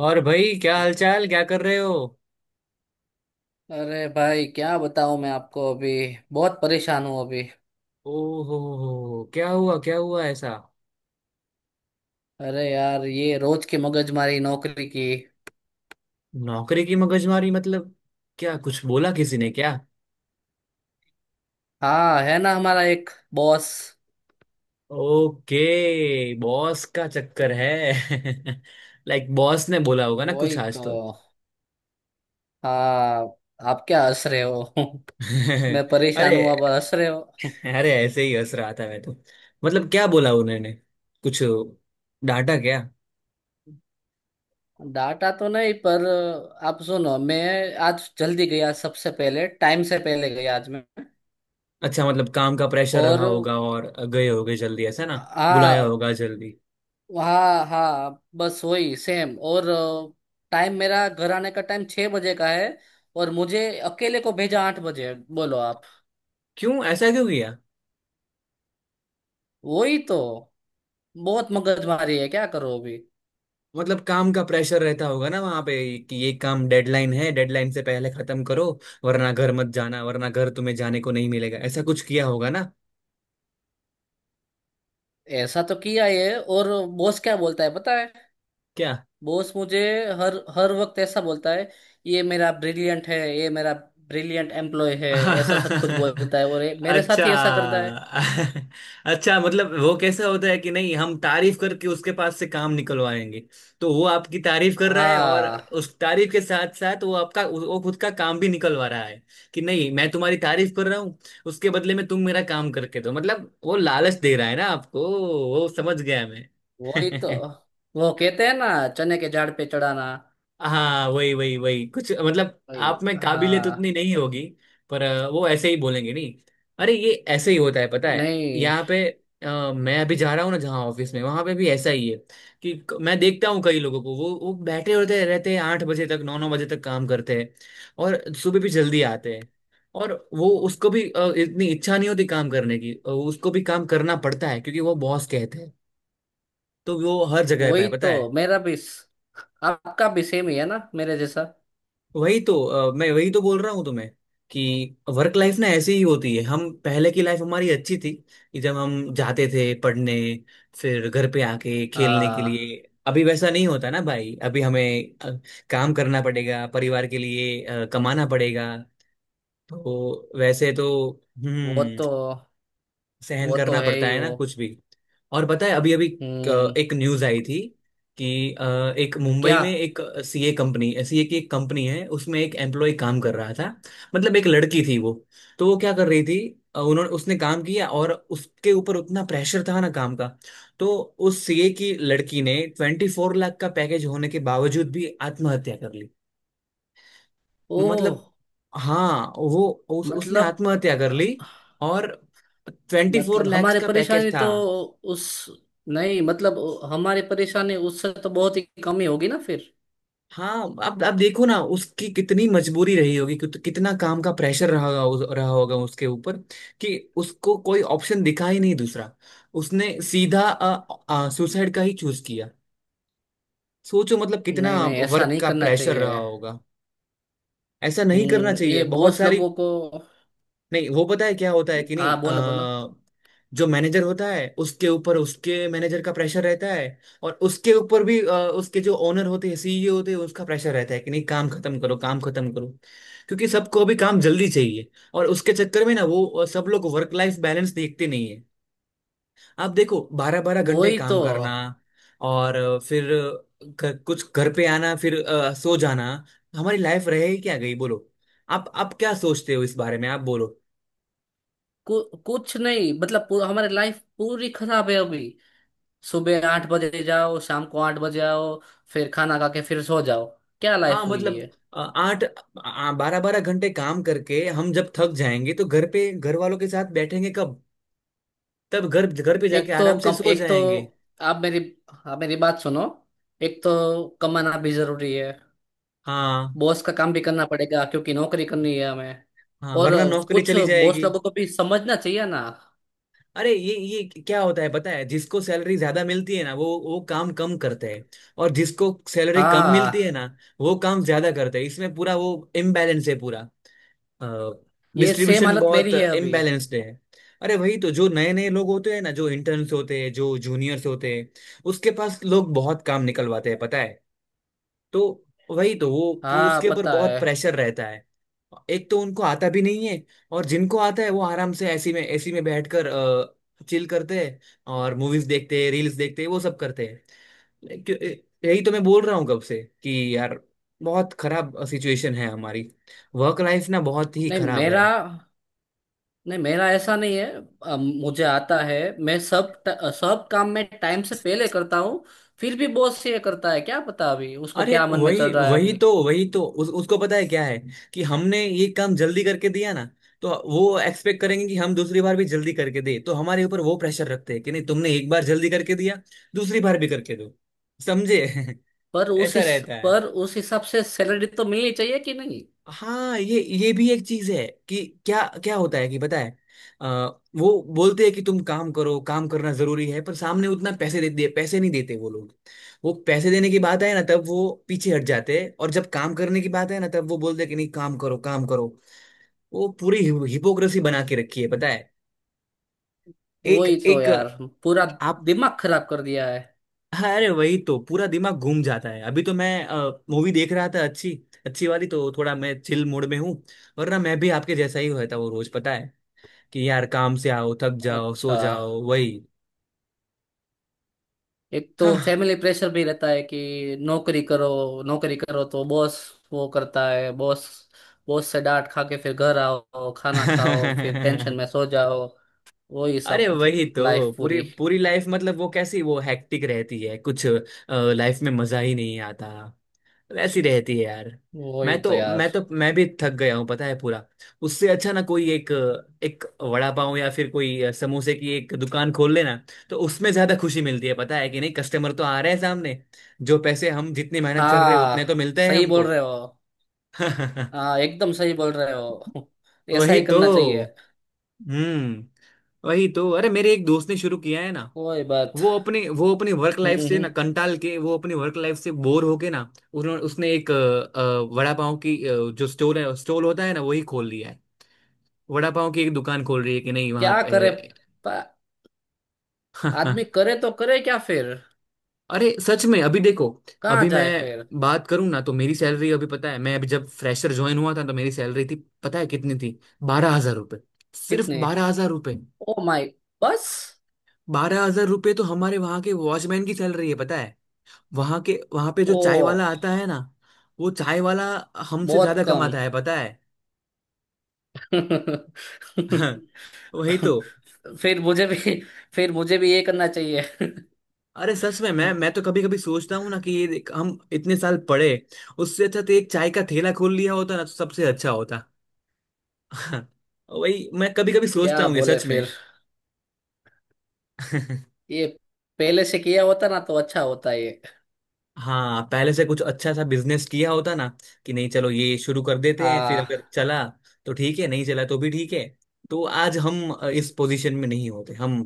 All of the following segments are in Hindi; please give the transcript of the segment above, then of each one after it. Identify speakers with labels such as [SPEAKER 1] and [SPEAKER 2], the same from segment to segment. [SPEAKER 1] और भाई क्या हालचाल, क्या कर रहे हो।
[SPEAKER 2] अरे भाई क्या बताऊं मैं आपको अभी। बहुत परेशान हूँ अभी।
[SPEAKER 1] ओहो हो, क्या हुआ? क्या हुआ ऐसा?
[SPEAKER 2] अरे यार ये रोज की मगजमारी नौकरी की।
[SPEAKER 1] नौकरी की मगजमारी मतलब? क्या कुछ बोला किसी ने क्या?
[SPEAKER 2] हाँ है ना हमारा एक बॉस।
[SPEAKER 1] ओके, बॉस का चक्कर है। लाइक बॉस ने बोला होगा ना कुछ
[SPEAKER 2] वही
[SPEAKER 1] आज
[SPEAKER 2] तो।
[SPEAKER 1] तो।
[SPEAKER 2] हाँ। आप क्या हंस रहे हो? मैं परेशान
[SPEAKER 1] अरे।
[SPEAKER 2] हूँ, आप हंस रहे हो।
[SPEAKER 1] अरे, ऐसे ही हंस रहा था मैं तो। मतलब क्या बोला उन्होंने कुछ? डांटा क्या?
[SPEAKER 2] डाटा तो नहीं पर आप सुनो। मैं आज जल्दी गया, सबसे पहले, टाइम से पहले गया आज मैं।
[SPEAKER 1] अच्छा, मतलब काम का प्रेशर रहा
[SPEAKER 2] और
[SPEAKER 1] होगा और गए होगे जल्दी, ऐसा ना? बुलाया
[SPEAKER 2] हाँ,
[SPEAKER 1] होगा जल्दी।
[SPEAKER 2] हाँ बस वही सेम। और टाइम, मेरा घर आने का टाइम 6 बजे का है, और मुझे अकेले को भेजा 8 बजे, बोलो आप।
[SPEAKER 1] क्यों? ऐसा क्यों किया?
[SPEAKER 2] वही तो, बहुत मगजमारी है, क्या करो अभी।
[SPEAKER 1] मतलब काम का प्रेशर रहता होगा ना वहां पे। कि ये काम डेडलाइन है, डेडलाइन से पहले खत्म करो, वरना घर मत जाना, वरना घर तुम्हें जाने को नहीं मिलेगा, ऐसा कुछ किया होगा ना।
[SPEAKER 2] ऐसा तो किया ये। और बॉस क्या बोलता है पता है?
[SPEAKER 1] क्या?
[SPEAKER 2] बॉस मुझे हर हर वक्त ऐसा बोलता है, ये मेरा ब्रिलियंट है, ये मेरा ब्रिलियंट एम्प्लॉय है। ऐसा सब कुछ बोलता है, और ये मेरे
[SPEAKER 1] अच्छा।
[SPEAKER 2] साथ ही ऐसा करता है।
[SPEAKER 1] अच्छा मतलब वो कैसा होता है कि नहीं, हम तारीफ करके उसके पास से काम निकलवाएंगे, तो वो आपकी तारीफ कर रहा है, और
[SPEAKER 2] हाँ,
[SPEAKER 1] उस तारीफ के साथ साथ वो आपका, वो खुद का काम भी निकलवा रहा है। कि नहीं, मैं तुम्हारी तारीफ कर रहा हूँ, उसके बदले में तुम मेरा काम करके दो, मतलब वो लालच दे रहा है ना आपको। वो समझ गया
[SPEAKER 2] वही तो।
[SPEAKER 1] मैं।
[SPEAKER 2] वो कहते हैं ना, चने के झाड़ पे चढ़ाना।
[SPEAKER 1] हाँ, वही वही वही कुछ, मतलब
[SPEAKER 2] वही।
[SPEAKER 1] आप में काबिलियत उतनी
[SPEAKER 2] हाँ।
[SPEAKER 1] नहीं होगी, पर वो ऐसे ही बोलेंगे नहीं। अरे ये ऐसे ही होता है पता है
[SPEAKER 2] नहीं,
[SPEAKER 1] यहाँ पे। मैं अभी जा रहा हूँ ना जहाँ ऑफिस में, वहां पे भी ऐसा ही है। कि मैं देखता हूँ कई लोगों को, वो बैठे होते रहते हैं 8 बजे तक, 9 9 बजे तक काम करते हैं, और सुबह भी जल्दी आते हैं। और वो उसको भी इतनी इच्छा नहीं होती काम करने की, उसको भी काम करना पड़ता है, क्योंकि वो बॉस कहते हैं। तो वो हर जगह पे है
[SPEAKER 2] वही
[SPEAKER 1] पता है।
[SPEAKER 2] तो। आपका भी सेम ही है ना मेरे जैसा।
[SPEAKER 1] वही तो मैं वही तो बोल रहा हूँ तुम्हें। कि वर्क लाइफ ना ऐसी ही होती है, हम पहले की लाइफ हमारी अच्छी थी। कि जब हम जाते थे पढ़ने, फिर घर पे आके खेलने के
[SPEAKER 2] हाँ।
[SPEAKER 1] लिए। अभी वैसा नहीं होता ना भाई। अभी हमें, अ, काम करना पड़ेगा परिवार के लिए, कमाना पड़ेगा। तो वैसे तो,
[SPEAKER 2] वो
[SPEAKER 1] हम्म
[SPEAKER 2] तो,
[SPEAKER 1] सहन
[SPEAKER 2] वो तो
[SPEAKER 1] करना
[SPEAKER 2] है
[SPEAKER 1] पड़ता
[SPEAKER 2] ही
[SPEAKER 1] है ना
[SPEAKER 2] वो।
[SPEAKER 1] कुछ भी। और पता है, अभी अभी
[SPEAKER 2] हम्म।
[SPEAKER 1] एक न्यूज आई थी कि एक मुंबई
[SPEAKER 2] क्या?
[SPEAKER 1] में एक सीए कंपनी, सीए की एक कंपनी है, उसमें एक एम्प्लॉय काम कर रहा था। मतलब एक लड़की थी वो। तो वो क्या कर रही थी, अ, उन्होंने उसने काम किया, और उसके ऊपर उतना प्रेशर था ना काम का। तो उस सीए की लड़की ने 24 लाख का पैकेज होने के बावजूद भी आत्महत्या कर...
[SPEAKER 2] ओ।
[SPEAKER 1] मतलब, हाँ, वो उसने
[SPEAKER 2] मतलब।
[SPEAKER 1] आत्महत्या कर ली। और ट्वेंटी फोर
[SPEAKER 2] मतलब
[SPEAKER 1] लैक्स
[SPEAKER 2] हमारी
[SPEAKER 1] का पैकेज
[SPEAKER 2] परेशानी
[SPEAKER 1] था।
[SPEAKER 2] तो उस नहीं, मतलब हमारी परेशानी उससे तो बहुत ही कम ही होगी ना फिर।
[SPEAKER 1] हाँ, अब देखो ना, उसकी कितनी मजबूरी रही होगी, कितना काम का प्रेशर रहा होगा उसके ऊपर। कि उसको कोई ऑप्शन दिखा ही नहीं दूसरा, उसने सीधा सुसाइड का ही चूज किया। सोचो मतलब कितना
[SPEAKER 2] नहीं नहीं, ऐसा
[SPEAKER 1] वर्क
[SPEAKER 2] नहीं
[SPEAKER 1] का
[SPEAKER 2] करना
[SPEAKER 1] प्रेशर
[SPEAKER 2] चाहिए।
[SPEAKER 1] रहा होगा। ऐसा नहीं करना
[SPEAKER 2] हम्म,
[SPEAKER 1] चाहिए,
[SPEAKER 2] ये
[SPEAKER 1] बहुत
[SPEAKER 2] बॉस
[SPEAKER 1] सारी...
[SPEAKER 2] लोगों को।
[SPEAKER 1] नहीं, वो पता है क्या होता है कि नहीं,
[SPEAKER 2] हाँ, बोलो बोलो।
[SPEAKER 1] अ, जो मैनेजर होता है उसके ऊपर उसके मैनेजर का प्रेशर रहता है। और उसके ऊपर भी उसके जो ओनर होते हैं, सीईओ होते हैं, उसका प्रेशर रहता है कि नहीं काम खत्म करो, काम खत्म करो। क्योंकि सबको अभी काम जल्दी चाहिए, और उसके चक्कर में ना वो, सब लोग वर्क लाइफ बैलेंस देखते नहीं है। आप देखो, 12 12 घंटे
[SPEAKER 2] वही
[SPEAKER 1] काम
[SPEAKER 2] तो।
[SPEAKER 1] करना, और कुछ घर पे आना, फिर सो जाना। हमारी लाइफ रहे क्या, गई बोलो। आप क्या सोचते हो इस बारे में, आप बोलो।
[SPEAKER 2] कुछ नहीं, मतलब पूरा, हमारी लाइफ पूरी खराब है अभी। सुबह 8 बजे जाओ, शाम को 8 बजे आओ, फिर खाना खा के फिर सो जाओ। क्या
[SPEAKER 1] हाँ,
[SPEAKER 2] लाइफ हुई है।
[SPEAKER 1] मतलब अ, आठ 12 12 घंटे काम करके हम जब थक जाएंगे, तो घर पे घर वालों के साथ बैठेंगे कब? तब घर, घर पे जाके
[SPEAKER 2] एक तो
[SPEAKER 1] आराम से
[SPEAKER 2] कम,
[SPEAKER 1] सो
[SPEAKER 2] एक तो
[SPEAKER 1] जाएंगे।
[SPEAKER 2] आप मेरी आप मेरी बात सुनो। एक तो कमाना भी जरूरी है,
[SPEAKER 1] हाँ।
[SPEAKER 2] बॉस का काम भी करना पड़ेगा, क्योंकि नौकरी करनी है हमें।
[SPEAKER 1] हाँ,
[SPEAKER 2] और
[SPEAKER 1] वरना नौकरी
[SPEAKER 2] कुछ
[SPEAKER 1] चली
[SPEAKER 2] बॉस
[SPEAKER 1] जाएगी।
[SPEAKER 2] लोगों को भी समझना चाहिए ना।
[SPEAKER 1] अरे ये क्या होता है पता है, जिसको सैलरी ज्यादा मिलती है ना, वो काम कम करते हैं। और जिसको सैलरी कम मिलती है ना,
[SPEAKER 2] हाँ,
[SPEAKER 1] वो काम ज्यादा करते हैं। इसमें पूरा वो, इम्बैलेंस है, पूरा
[SPEAKER 2] ये सेम
[SPEAKER 1] डिस्ट्रीब्यूशन
[SPEAKER 2] हालत
[SPEAKER 1] बहुत
[SPEAKER 2] मेरी है अभी।
[SPEAKER 1] इम्बैलेंस्ड है। अरे वही तो, जो नए नए लोग होते हैं ना, जो इंटर्न्स होते हैं, जो जूनियर्स होते हैं, उसके पास लोग बहुत काम निकलवाते हैं पता है। तो वही तो वो,
[SPEAKER 2] हाँ
[SPEAKER 1] उसके ऊपर
[SPEAKER 2] पता है।
[SPEAKER 1] बहुत प्रेशर रहता है। एक तो उनको आता भी नहीं है, और जिनको आता है वो आराम से ऐसी में, ऐसी में बैठकर चिल करते हैं, और मूवीज देखते हैं, रील्स देखते हैं, वो सब करते हैं। यही तो मैं बोल रहा हूँ कब से कि यार, बहुत खराब सिचुएशन है हमारी। वर्क लाइफ ना बहुत ही
[SPEAKER 2] नहीं
[SPEAKER 1] खराब है।
[SPEAKER 2] मेरा, नहीं मेरा ऐसा नहीं है। मुझे आता है, मैं सब सब काम में टाइम से पहले करता हूँ। फिर भी बॉस ये करता है, क्या पता अभी उसको
[SPEAKER 1] अरे
[SPEAKER 2] क्या मन में चल
[SPEAKER 1] वही,
[SPEAKER 2] रहा है
[SPEAKER 1] वही
[SPEAKER 2] अभी।
[SPEAKER 1] तो, वही तो उसको पता है क्या है, कि हमने ये काम जल्दी करके दिया ना, तो वो एक्सपेक्ट करेंगे कि हम दूसरी बार भी जल्दी करके दे। तो हमारे ऊपर वो प्रेशर रखते हैं कि नहीं तुमने एक बार जल्दी करके दिया, दूसरी बार भी करके दो। समझे। ऐसा रहता।
[SPEAKER 2] पर उस हिसाब से सैलरी तो मिलनी चाहिए कि नहीं।
[SPEAKER 1] हाँ, ये भी एक चीज है कि क्या क्या होता है कि पता है, अ, वो बोलते हैं कि तुम काम करो, काम करना जरूरी है, पर सामने उतना पैसे दे, पैसे नहीं देते वो लोग। वो पैसे देने की बात आए ना, तब वो पीछे हट जाते हैं। और जब काम करने की बात है ना, तब वो बोलते हैं कि नहीं काम करो, काम करो। वो पूरी हिपोक्रेसी बना के रखी है पता है। एक
[SPEAKER 2] वही तो
[SPEAKER 1] एक।
[SPEAKER 2] यार, पूरा
[SPEAKER 1] आप।
[SPEAKER 2] दिमाग खराब कर दिया है।
[SPEAKER 1] अरे वही तो, पूरा दिमाग घूम जाता है। अभी तो मैं मूवी देख रहा था, अच्छी, अच्छी वाली, तो थोड़ा मैं चिल मूड में हूँ। वरना मैं भी आपके जैसा ही होता, वो रोज पता है कि यार, काम से आओ, थक जाओ, सो
[SPEAKER 2] अच्छा,
[SPEAKER 1] जाओ, वही।
[SPEAKER 2] एक तो
[SPEAKER 1] हाँ।
[SPEAKER 2] फैमिली प्रेशर भी रहता है कि नौकरी करो। नौकरी करो, तो बॉस वो करता है। बॉस, बॉस से डांट खा के फिर घर आओ, खाना खाओ, फिर टेंशन में सो जाओ। वही
[SPEAKER 1] अरे
[SPEAKER 2] सब।
[SPEAKER 1] वही तो
[SPEAKER 2] लाइफ
[SPEAKER 1] पूरी,
[SPEAKER 2] पूरी।
[SPEAKER 1] पूरी लाइफ, मतलब वो कैसी, वो हैक्टिक रहती है कुछ। लाइफ में मजा ही नहीं आता, वैसी रहती है यार।
[SPEAKER 2] वही तो यार।
[SPEAKER 1] मैं भी थक गया हूँ पता है पूरा। उससे अच्छा ना कोई एक, एक वड़ा पाव या फिर कोई समोसे की एक दुकान खोल लेना। तो उसमें ज्यादा खुशी मिलती है, पता है कि नहीं, कस्टमर तो आ रहे हैं सामने, जो पैसे हम जितनी मेहनत कर रहे हैं
[SPEAKER 2] हाँ,
[SPEAKER 1] उतने तो मिलते हैं
[SPEAKER 2] सही
[SPEAKER 1] हमको।
[SPEAKER 2] बोल रहे हो। हाँ एकदम सही बोल रहे हो। ऐसा
[SPEAKER 1] वही
[SPEAKER 2] ही
[SPEAKER 1] तो।
[SPEAKER 2] करना चाहिए।
[SPEAKER 1] हम्म, वही तो। अरे मेरे एक दोस्त ने शुरू किया है ना,
[SPEAKER 2] कोई बात।
[SPEAKER 1] वो अपनी वर्क लाइफ
[SPEAKER 2] हम्म।
[SPEAKER 1] से ना
[SPEAKER 2] हम्म।
[SPEAKER 1] कंटाल के, वो अपनी वर्क लाइफ से बोर होके ना, उन्होंने उसने एक, वड़ा पाव की, जो स्टोर है, स्टॉल होता है ना, वही खोल लिया है। वड़ा पाव की एक दुकान खोल रही है कि नहीं वहां
[SPEAKER 2] क्या करे?
[SPEAKER 1] पे।
[SPEAKER 2] प- आदमी करे तो करे क्या फिर,
[SPEAKER 1] अरे सच में, अभी देखो,
[SPEAKER 2] कहाँ
[SPEAKER 1] अभी मैं
[SPEAKER 2] जाए फिर।
[SPEAKER 1] बात करूं ना, तो मेरी सैलरी, अभी पता है, मैं अभी जब फ्रेशर ज्वाइन हुआ था, तो मेरी सैलरी थी, पता है कितनी थी? 12 हजार रुपये। सिर्फ
[SPEAKER 2] कितने?
[SPEAKER 1] 12 हजार रुपये।
[SPEAKER 2] Oh my. बस?
[SPEAKER 1] बारह हजार रुपये तो हमारे वहां के वॉचमैन की सैलरी है पता है। वहां के, वहां पे जो
[SPEAKER 2] ओ,
[SPEAKER 1] चाय वाला आता है ना, वो चाय वाला हमसे
[SPEAKER 2] बहुत
[SPEAKER 1] ज्यादा
[SPEAKER 2] कम।
[SPEAKER 1] कमाता है पता है। वही तो।
[SPEAKER 2] फिर मुझे भी, फिर मुझे भी ये करना चाहिए।
[SPEAKER 1] अरे सच में, मैं तो कभी कभी सोचता हूँ ना कि ये देख, हम इतने साल पढ़े, उससे अच्छा तो एक चाय का ठेला खोल लिया होता ना, तो सबसे अच्छा होता। वही मैं कभी कभी सोचता
[SPEAKER 2] क्या
[SPEAKER 1] हूँ, ये
[SPEAKER 2] बोले
[SPEAKER 1] सच में।
[SPEAKER 2] फिर। ये पहले से किया होता ना तो अच्छा होता ये।
[SPEAKER 1] हाँ, पहले से कुछ अच्छा सा बिजनेस किया होता ना, कि नहीं चलो ये शुरू कर देते हैं, फिर अगर
[SPEAKER 2] हाँ।
[SPEAKER 1] चला तो ठीक है, नहीं चला तो भी ठीक है। तो आज हम इस पोजीशन में नहीं होते, हम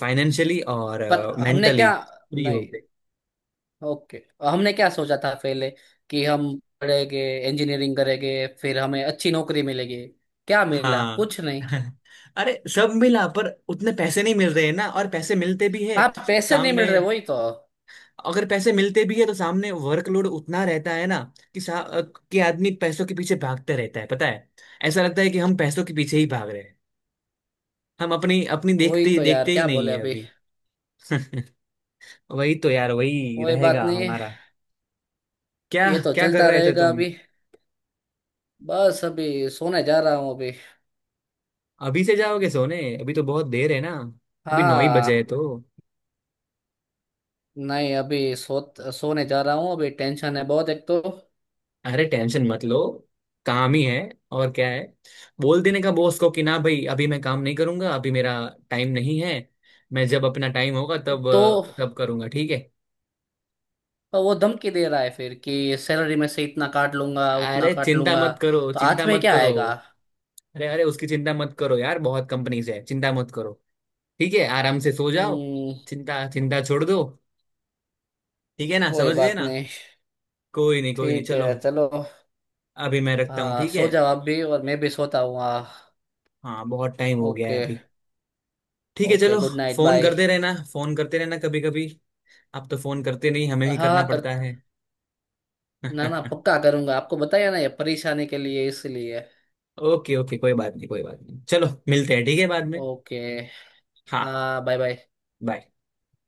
[SPEAKER 1] फाइनेंशियली और
[SPEAKER 2] पर हमने
[SPEAKER 1] मेंटली
[SPEAKER 2] क्या,
[SPEAKER 1] फ्री
[SPEAKER 2] नहीं,
[SPEAKER 1] होते।
[SPEAKER 2] ओके, हमने क्या सोचा था पहले? कि हम पढ़ेंगे, इंजीनियरिंग करेंगे, फिर हमें अच्छी नौकरी मिलेगी। क्या मिला?
[SPEAKER 1] हाँ।
[SPEAKER 2] कुछ नहीं।
[SPEAKER 1] अरे सब मिला, पर उतने पैसे नहीं मिल रहे हैं ना। और पैसे मिलते भी है
[SPEAKER 2] हाँ,
[SPEAKER 1] तो
[SPEAKER 2] पैसे नहीं मिल
[SPEAKER 1] सामने,
[SPEAKER 2] रहे, वही तो।
[SPEAKER 1] अगर पैसे मिलते भी है तो सामने वर्कलोड उतना रहता है ना, कि कि आदमी पैसों के पीछे भागते रहता है पता है। ऐसा लगता है कि हम पैसों के पीछे ही भाग रहे हैं, हम अपनी, अपनी
[SPEAKER 2] वही
[SPEAKER 1] देखते
[SPEAKER 2] तो यार,
[SPEAKER 1] देखते ही
[SPEAKER 2] क्या
[SPEAKER 1] नहीं
[SPEAKER 2] बोले
[SPEAKER 1] है
[SPEAKER 2] अभी।
[SPEAKER 1] अभी। वही तो यार, वही
[SPEAKER 2] कोई बात
[SPEAKER 1] रहेगा
[SPEAKER 2] नहीं,
[SPEAKER 1] हमारा। क्या
[SPEAKER 2] ये तो
[SPEAKER 1] क्या कर
[SPEAKER 2] चलता
[SPEAKER 1] रहे थे
[SPEAKER 2] रहेगा
[SPEAKER 1] तुम?
[SPEAKER 2] अभी। बस अभी सोने जा रहा हूँ अभी।
[SPEAKER 1] अभी से जाओगे सोने? अभी तो बहुत देर है ना, अभी 9 ही बजे है
[SPEAKER 2] हाँ।
[SPEAKER 1] तो।
[SPEAKER 2] नहीं, अभी सोने जा रहा हूँ अभी, टेंशन है बहुत, एक तो।
[SPEAKER 1] अरे टेंशन मत लो, काम ही है, और क्या है? बोल देने का बॉस को कि ना भाई, अभी मैं काम नहीं करूंगा, अभी मेरा टाइम नहीं है। मैं जब अपना टाइम होगा, तब
[SPEAKER 2] तो
[SPEAKER 1] तब करूंगा, ठीक है।
[SPEAKER 2] तो वो धमकी दे रहा है फिर कि सैलरी में से इतना काट लूंगा, उतना
[SPEAKER 1] अरे
[SPEAKER 2] काट
[SPEAKER 1] चिंता
[SPEAKER 2] लूंगा।
[SPEAKER 1] मत करो,
[SPEAKER 2] तो
[SPEAKER 1] चिंता
[SPEAKER 2] हाथ में
[SPEAKER 1] मत
[SPEAKER 2] क्या
[SPEAKER 1] करो।
[SPEAKER 2] आएगा।
[SPEAKER 1] अरे अरे, उसकी चिंता मत करो यार, बहुत कंपनीज है, चिंता मत करो। ठीक है, आराम से सो जाओ।
[SPEAKER 2] हम्म।
[SPEAKER 1] चिंता, चिंता छोड़ दो। ठीक है ना,
[SPEAKER 2] कोई
[SPEAKER 1] समझ गए
[SPEAKER 2] बात
[SPEAKER 1] ना।
[SPEAKER 2] नहीं।
[SPEAKER 1] कोई नहीं, कोई नहीं,
[SPEAKER 2] ठीक
[SPEAKER 1] चलो।
[SPEAKER 2] है चलो।
[SPEAKER 1] अभी मैं रखता हूँ,
[SPEAKER 2] हाँ,
[SPEAKER 1] ठीक है।
[SPEAKER 2] सो जाओ आप भी, और मैं भी सोता हूँ। हाँ,
[SPEAKER 1] हाँ, बहुत टाइम हो गया
[SPEAKER 2] ओके।
[SPEAKER 1] है अभी। ठीक है,
[SPEAKER 2] ओके,
[SPEAKER 1] चलो।
[SPEAKER 2] Good night,
[SPEAKER 1] phone
[SPEAKER 2] bye.
[SPEAKER 1] करते रहना, फोन करते रहना कभी कभी। आप तो फोन करते नहीं, हमें
[SPEAKER 2] हाँ
[SPEAKER 1] ही
[SPEAKER 2] हाँ,
[SPEAKER 1] करना
[SPEAKER 2] कर,
[SPEAKER 1] पड़ता है।
[SPEAKER 2] ना ना, पक्का करूंगा, आपको बताया ना ये परेशानी के लिए इसलिए।
[SPEAKER 1] ओके ओके, कोई बात नहीं, कोई बात नहीं, चलो मिलते हैं ठीक है बाद में।
[SPEAKER 2] ओके।
[SPEAKER 1] हाँ हाँ।
[SPEAKER 2] हाँ, बाय बाय।
[SPEAKER 1] बाय।